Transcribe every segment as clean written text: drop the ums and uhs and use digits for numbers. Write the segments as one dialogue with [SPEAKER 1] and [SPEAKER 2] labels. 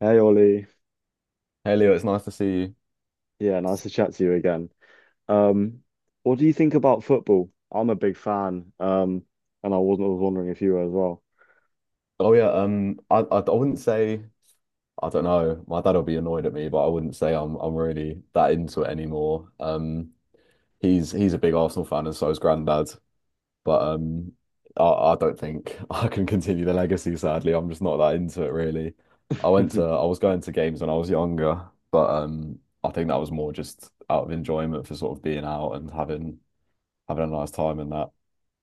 [SPEAKER 1] Hey Ollie,
[SPEAKER 2] Hey Leo, it's nice to see you.
[SPEAKER 1] yeah, nice to chat to you again. Um, what do you think about football? I'm a big fan, and I was wondering if you were as well.
[SPEAKER 2] Oh yeah, I wouldn't say I don't know. My dad will be annoyed at me, but I wouldn't say I'm really that into it anymore. He's a big Arsenal fan, and so is Granddad. But I don't think I can continue the legacy. Sadly, I'm just not that into it really. I was going to games when I was younger, but I think that was more just out of enjoyment for sort of being out and having a nice time and that.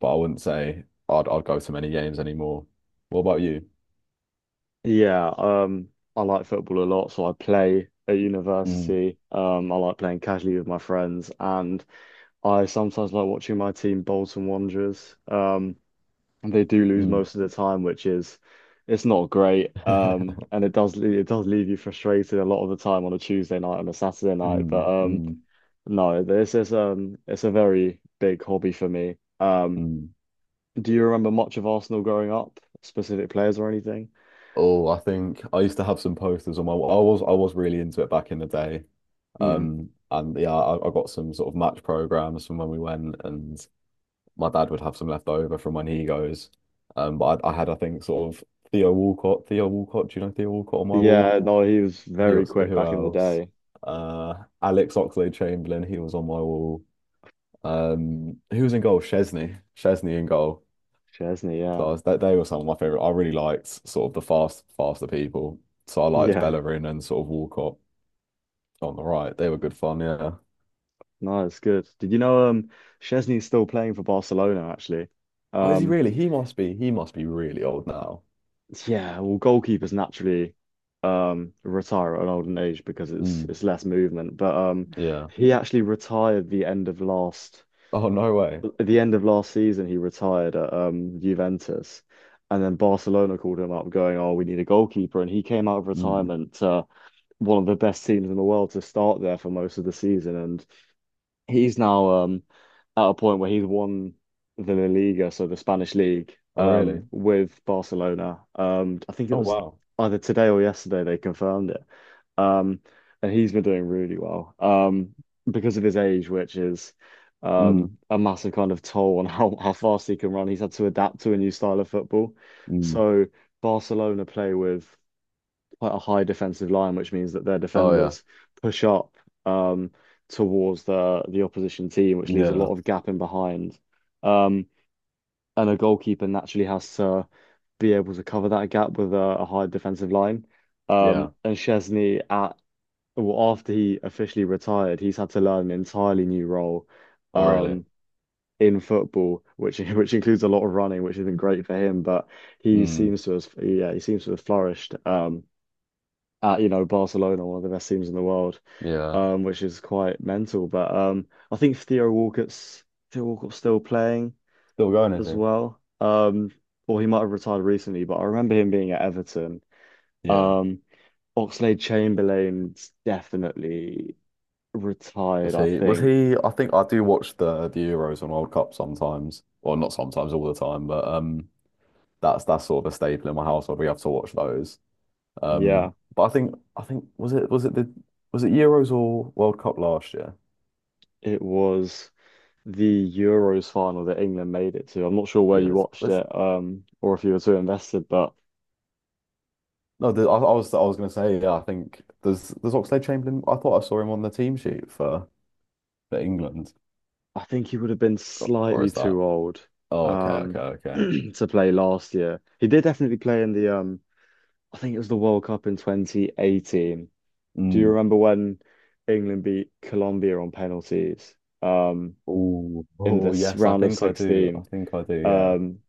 [SPEAKER 2] But I wouldn't say I'd go to many games anymore. What about you?
[SPEAKER 1] Yeah, I like football a lot, so I play at
[SPEAKER 2] Mm,
[SPEAKER 1] university. I like playing casually with my friends, and I sometimes like watching my team, Bolton Wanderers. And they do lose
[SPEAKER 2] mm,
[SPEAKER 1] most of the time, which is it's not great. And it does it does leave you frustrated a lot of the time on a Tuesday night and a Saturday night, but
[SPEAKER 2] mm,
[SPEAKER 1] um.
[SPEAKER 2] mm,
[SPEAKER 1] No, this is it's a very big hobby for me.
[SPEAKER 2] mm.
[SPEAKER 1] Do you remember much of Arsenal growing up? Specific players or anything?
[SPEAKER 2] Oh, I think I used to have some posters on my wall. I was really into it back in the day.
[SPEAKER 1] Hmm.
[SPEAKER 2] And yeah, I got some sort of match programs from when we went, and my dad would have some left over from when he goes. But I think sort of Theo Walcott. Do you know Theo Walcott on my wall?
[SPEAKER 1] Yeah, no, he was
[SPEAKER 2] He
[SPEAKER 1] very
[SPEAKER 2] was,
[SPEAKER 1] quick
[SPEAKER 2] who
[SPEAKER 1] back in the
[SPEAKER 2] else?
[SPEAKER 1] day.
[SPEAKER 2] Alex Oxlade-Chamberlain. He was on my wall. Who was in goal? Chesney in goal.
[SPEAKER 1] Chesney,
[SPEAKER 2] So
[SPEAKER 1] yeah.
[SPEAKER 2] they were some of my favorite. I really liked sort of the faster people. So I liked
[SPEAKER 1] Yeah.
[SPEAKER 2] Bellerin and sort of Walcott on the right. They were good fun, yeah.
[SPEAKER 1] No, it's good. Did you know Chesney's still playing for Barcelona actually?
[SPEAKER 2] Oh, is he
[SPEAKER 1] Um
[SPEAKER 2] really? He must be. He must be really old now.
[SPEAKER 1] yeah, well goalkeepers naturally retire at an older age because it's
[SPEAKER 2] Mm,
[SPEAKER 1] it's less movement. But
[SPEAKER 2] yeah.
[SPEAKER 1] he actually retired the end of last
[SPEAKER 2] Oh, no way.
[SPEAKER 1] at the end of last season, he retired at Juventus, and then Barcelona called him up, going, "Oh, we need a goalkeeper," and he came out of
[SPEAKER 2] Mm.
[SPEAKER 1] retirement to one of the best teams in the world to start there for most of the season, and he's now at a point where he's won the La Liga, so the Spanish league,
[SPEAKER 2] Oh, really?
[SPEAKER 1] with Barcelona. I think it
[SPEAKER 2] Oh,
[SPEAKER 1] was
[SPEAKER 2] wow.
[SPEAKER 1] either today or yesterday they confirmed it. Um, and he's been doing really well because of his age, which is
[SPEAKER 2] Mm,
[SPEAKER 1] a massive kind of toll on how fast he can run. He's had to adapt to a new style of football.
[SPEAKER 2] mm.
[SPEAKER 1] So Barcelona play with quite a high defensive line, which means that their
[SPEAKER 2] Oh, yeah.
[SPEAKER 1] defenders push up um, towards the opposition team, which leaves a
[SPEAKER 2] Yeah.
[SPEAKER 1] lot of gap in behind. Um, and a goalkeeper naturally has to be able to cover that gap with a high defensive line.
[SPEAKER 2] Yeah.
[SPEAKER 1] And Chesney at Well, after he officially retired, he's had to learn an entirely new role
[SPEAKER 2] Oh, really?
[SPEAKER 1] um, in football, which which includes a lot of running, which isn't great for him. But he
[SPEAKER 2] Mm,
[SPEAKER 1] seems to have, yeah, he seems to have flourished at you know Barcelona, one of the best teams in the world,
[SPEAKER 2] yeah.
[SPEAKER 1] which is quite mental. But I think Theo Walcott's still playing
[SPEAKER 2] Still going, is
[SPEAKER 1] as
[SPEAKER 2] he?
[SPEAKER 1] well, or he might have retired recently. But I remember him being at Everton.
[SPEAKER 2] Yeah.
[SPEAKER 1] Um, Oxlade-Chamberlain's definitely retired,
[SPEAKER 2] Was
[SPEAKER 1] I
[SPEAKER 2] he? Was
[SPEAKER 1] think.
[SPEAKER 2] he? I think I do watch the Euros and World Cup sometimes. Well, not sometimes, all the time. But that's sort of a staple in my household. We have to watch those.
[SPEAKER 1] Yeah,
[SPEAKER 2] But I think was it Euros or World Cup last year?
[SPEAKER 1] it was the Euros final that England made it to. I'm not sure where you
[SPEAKER 2] Euros.
[SPEAKER 1] watched
[SPEAKER 2] Was,
[SPEAKER 1] it, or if you were too invested, but
[SPEAKER 2] no, the, I was going to say yeah. I think there's Oxlade-Chamberlain. I thought I saw him on the team sheet for England,
[SPEAKER 1] I think he would have been
[SPEAKER 2] or
[SPEAKER 1] slightly
[SPEAKER 2] is that?
[SPEAKER 1] too old,
[SPEAKER 2] Oh, okay,
[SPEAKER 1] um,
[SPEAKER 2] okay, okay.
[SPEAKER 1] to play last year. He did definitely play in I think it was the World Cup in 2018. Do you
[SPEAKER 2] Mm.
[SPEAKER 1] remember when England beat Colombia on penalties, um,
[SPEAKER 2] Oh,
[SPEAKER 1] in
[SPEAKER 2] oh
[SPEAKER 1] this
[SPEAKER 2] yes, I
[SPEAKER 1] round of
[SPEAKER 2] think I do. I
[SPEAKER 1] 16?
[SPEAKER 2] think I do. Yeah.
[SPEAKER 1] Um,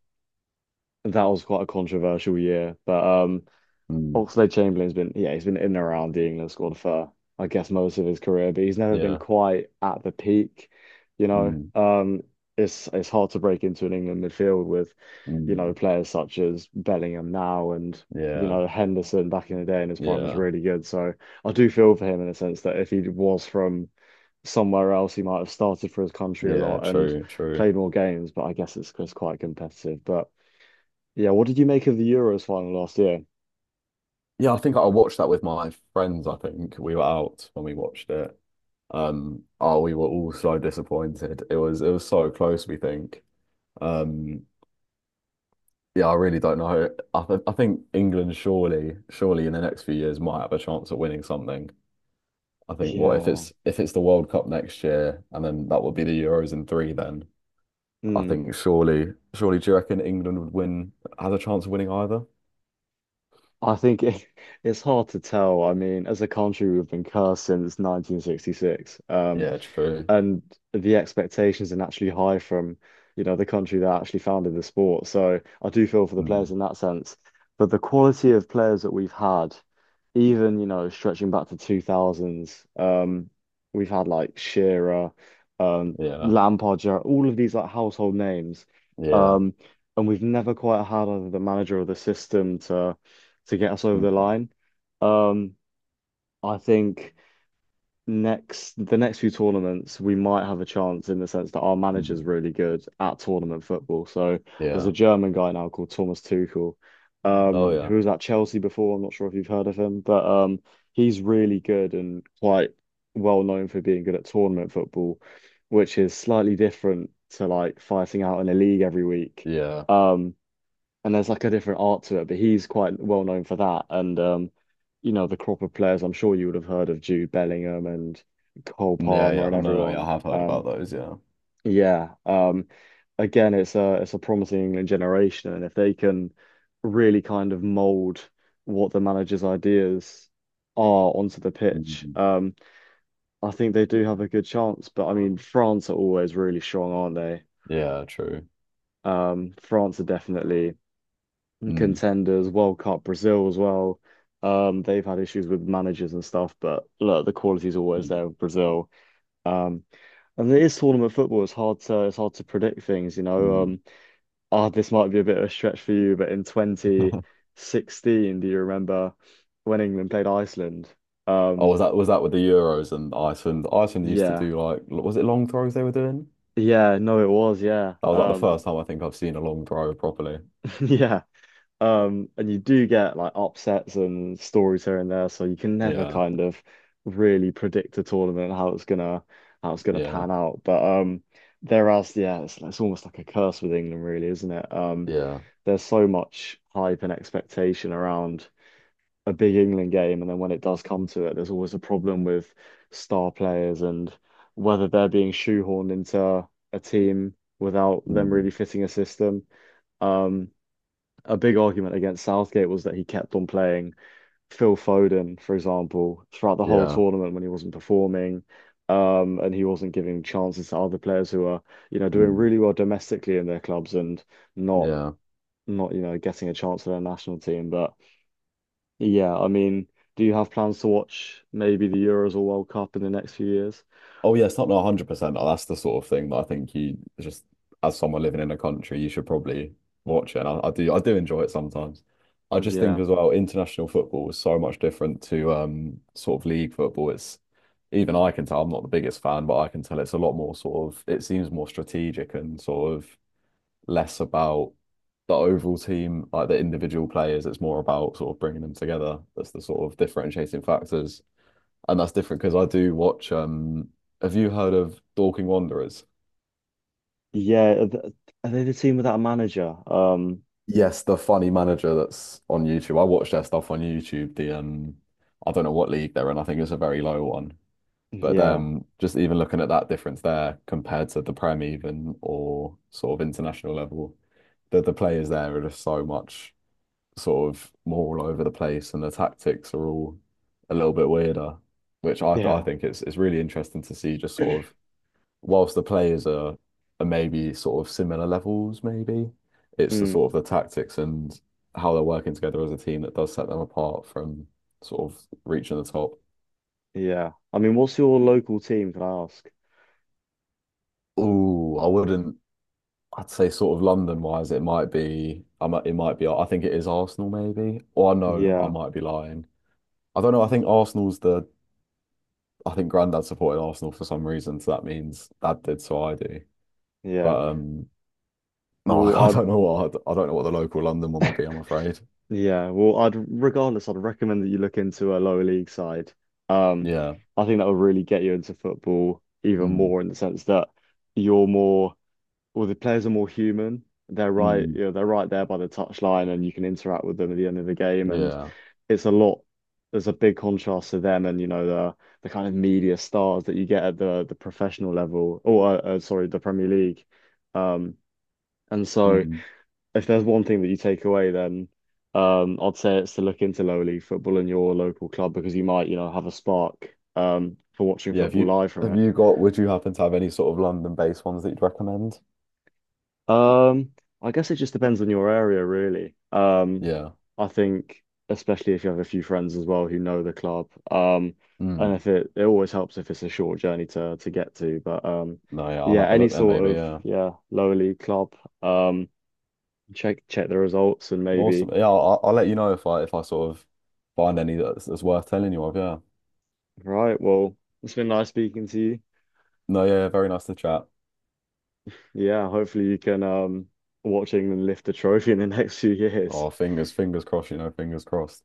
[SPEAKER 1] that was quite a controversial year, but.
[SPEAKER 2] Mm.
[SPEAKER 1] Oxlade Chamberlain's been yeah, he's been in and around the England squad for I guess most of his career, but he's never been
[SPEAKER 2] Yeah.
[SPEAKER 1] quite at the peak, you know.
[SPEAKER 2] Mm.
[SPEAKER 1] It's hard to break into an England midfield with, you know,
[SPEAKER 2] Mm.
[SPEAKER 1] players such as Bellingham now and you
[SPEAKER 2] Yeah.
[SPEAKER 1] know Henderson back in the day in his prime was
[SPEAKER 2] Yeah.
[SPEAKER 1] really good. So I do feel for him in a sense that if he was from somewhere else, he might have started for his country a lot
[SPEAKER 2] Yeah.
[SPEAKER 1] and
[SPEAKER 2] True. True.
[SPEAKER 1] played more games, but I guess it's quite competitive. But yeah, what did you make of the Euros final last year?
[SPEAKER 2] Yeah, I think I watched that with my friends. I think we were out when we watched it. Oh, we were all so disappointed. It was so close, we think. Um, yeah, I really don't know. I think England surely, surely in the next few years might have a chance at winning something. I think what
[SPEAKER 1] Yeah.
[SPEAKER 2] if it's the World Cup next year and then that would be the Euros in three then. I
[SPEAKER 1] Mm.
[SPEAKER 2] think surely, surely, do you reckon England would win, has a chance of winning either?
[SPEAKER 1] I think it's hard to tell. I mean, as a country, we've been cursed since 1966.
[SPEAKER 2] Yeah, true.
[SPEAKER 1] And the expectations are naturally high from, you know, the country that actually founded the sport. So I do feel for the players
[SPEAKER 2] Mm,
[SPEAKER 1] in that sense. But the quality of players that we've had, even, you know, stretching back to 2000s, we've had like Shearer,
[SPEAKER 2] yeah,
[SPEAKER 1] Lampard, Gerrard, all of these like household names.
[SPEAKER 2] yeah.
[SPEAKER 1] Um, and we've never quite had either the manager or the system to get us over the
[SPEAKER 2] Mm.
[SPEAKER 1] line. Um, I think next the next few tournaments we might have a chance in the sense that our manager's
[SPEAKER 2] Mm.
[SPEAKER 1] really good at tournament football. So there's a
[SPEAKER 2] Yeah.
[SPEAKER 1] German guy now called Thomas Tuchel,
[SPEAKER 2] Oh yeah.
[SPEAKER 1] who was at Chelsea before. I'm not sure if you've heard of him, but he's really good and quite well known for being good at tournament football, which is slightly different to like fighting out in a league every week.
[SPEAKER 2] Yeah.
[SPEAKER 1] Um, and there's like a different art to it, but he's quite well known for that. And you know, the crop of players I'm sure you would have heard of Jude Bellingham and Cole
[SPEAKER 2] Yeah,
[SPEAKER 1] Palmer
[SPEAKER 2] yeah.
[SPEAKER 1] and
[SPEAKER 2] No, no, yeah, I
[SPEAKER 1] everyone.
[SPEAKER 2] have heard about those, yeah.
[SPEAKER 1] Yeah. Again, it's a promising England generation, and if they can really kind of mold what the manager's ideas are onto the pitch,
[SPEAKER 2] Mm.
[SPEAKER 1] I think they do have a good chance. But I mean, France are always really strong, aren't they?
[SPEAKER 2] Yeah, true.
[SPEAKER 1] France are definitely
[SPEAKER 2] Mm.
[SPEAKER 1] contenders, World Cup, Brazil as well. They've had issues with managers and stuff, but look, the quality's always
[SPEAKER 2] Mm.
[SPEAKER 1] there with Brazil. Um, and it is tournament football. It's hard to predict things, you know.
[SPEAKER 2] Mm.
[SPEAKER 1] Ah, this might be a bit of a stretch for you, but in 2016, do you remember when England played Iceland?
[SPEAKER 2] Oh,
[SPEAKER 1] Um,
[SPEAKER 2] was that with the Euros and Iceland? Iceland used to
[SPEAKER 1] yeah,
[SPEAKER 2] do like was it long throws they were doing?
[SPEAKER 1] yeah, no, it was, yeah,
[SPEAKER 2] That was like the first time I think I've seen a long throw properly.
[SPEAKER 1] yeah. And you do get like upsets and stories here and there, so you can never
[SPEAKER 2] Yeah,
[SPEAKER 1] kind of really predict a tournament how it's gonna
[SPEAKER 2] yeah,
[SPEAKER 1] pan out. But there is yeah, it's almost like a curse with England, really, isn't it?
[SPEAKER 2] yeah.
[SPEAKER 1] There's so much hype and expectation around a big England game, and then when it does come to it, there's always a problem with star players and whether they're being shoehorned into a team without them
[SPEAKER 2] Mm.
[SPEAKER 1] really fitting a system. Um, a big argument against Southgate was that he kept on playing Phil Foden, for example, throughout the whole
[SPEAKER 2] Yeah.
[SPEAKER 1] tournament when he wasn't performing. And he wasn't giving chances to other players who are, you know, doing
[SPEAKER 2] Mm.
[SPEAKER 1] really well domestically in their clubs and not
[SPEAKER 2] Yeah.
[SPEAKER 1] not, you know, getting a chance for their national team. But yeah, I mean, do you have plans to watch maybe the Euros or World Cup in the next few years?
[SPEAKER 2] Oh yeah, it's not no, 100%. Oh, that's the sort of thing that I think you just as someone living in a country, you should probably watch it. And I do enjoy it sometimes. I just think
[SPEAKER 1] Yeah.
[SPEAKER 2] as well, international football is so much different to sort of league football. It's even I can tell I'm not the biggest fan, but I can tell it's a lot more sort of it seems more strategic and sort of less about the overall team, like the individual players. It's more about sort of bringing them together. That's the sort of differentiating factors, and that's different because I do watch. Have you heard of Dorking Wanderers?
[SPEAKER 1] Yeah. Are are they the team without a manager?
[SPEAKER 2] Yes, the funny manager that's on YouTube. I watch their stuff on YouTube. The I don't know what league they're in. I think it's a very low one. But
[SPEAKER 1] Yeah,
[SPEAKER 2] just even looking at that difference there compared to the Prem even or sort of international level, the players there are just so much sort of more all over the place, and the tactics are all a little bit weirder, which I
[SPEAKER 1] yeah.
[SPEAKER 2] think it's really interesting to see just sort of whilst the players are maybe sort of similar levels, maybe it's the
[SPEAKER 1] Mm.
[SPEAKER 2] sort of the tactics and how they're working together as a team that does set them apart from sort of reaching the top.
[SPEAKER 1] Yeah. I mean, what's your local team, can I ask?
[SPEAKER 2] Ooh, I wouldn't. I'd say sort of London wise, it might be. I might. It might be. I think it is Arsenal, maybe. Or no, I
[SPEAKER 1] Yeah,
[SPEAKER 2] might be lying. I don't know. I think Arsenal's the. I think Grandad supported Arsenal for some reason, so that means Dad did, so I do.
[SPEAKER 1] yeah.
[SPEAKER 2] But no,
[SPEAKER 1] Well,
[SPEAKER 2] I
[SPEAKER 1] I'd
[SPEAKER 2] don't know what. I don't know what the local London one would be, I'm afraid.
[SPEAKER 1] yeah, well, I'd regardless, I'd recommend that you look into a lower league side. Um,
[SPEAKER 2] Yeah.
[SPEAKER 1] I think that will really get you into football even
[SPEAKER 2] Mm,
[SPEAKER 1] more in the sense that you're more, well, the players are more human. They're right,
[SPEAKER 2] mm,
[SPEAKER 1] you know, they're right there by the touchline, and you can interact with them at the end of the game. And
[SPEAKER 2] yeah.
[SPEAKER 1] it's a lot. There's a big contrast to them and you know the kind of media stars that you get at the professional level or sorry, the Premier League. Um, and so
[SPEAKER 2] Mm.
[SPEAKER 1] if there's one thing that you take away, then I'd say it's to look into lower league football in your local club because you might you know have a spark for watching
[SPEAKER 2] Yeah.
[SPEAKER 1] football live from it.
[SPEAKER 2] Would you happen to have any sort of London-based ones that you'd recommend?
[SPEAKER 1] Um, I guess it just depends on your area, really.
[SPEAKER 2] Yeah.
[SPEAKER 1] I think especially if you have a few friends as well who know the club. And
[SPEAKER 2] Mm.
[SPEAKER 1] if it it always helps if it's a short journey to get to. But
[SPEAKER 2] No, yeah, I'll
[SPEAKER 1] yeah,
[SPEAKER 2] have a
[SPEAKER 1] any
[SPEAKER 2] look then
[SPEAKER 1] sort
[SPEAKER 2] maybe.
[SPEAKER 1] of
[SPEAKER 2] Yeah.
[SPEAKER 1] yeah lower league club. Um, check the results and maybe
[SPEAKER 2] Awesome. Yeah, I'll let you know if I sort of find any that's worth telling you of. Yeah.
[SPEAKER 1] right. Well, it's been nice speaking to you.
[SPEAKER 2] No, yeah, very nice to chat.
[SPEAKER 1] Yeah, hopefully you can watch England lift the trophy in the next few years.
[SPEAKER 2] Oh, fingers crossed, you know, fingers crossed.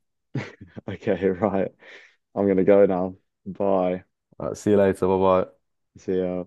[SPEAKER 1] Okay, right. I'm gonna go now. Bye.
[SPEAKER 2] All right, see you later. Bye bye.
[SPEAKER 1] See ya.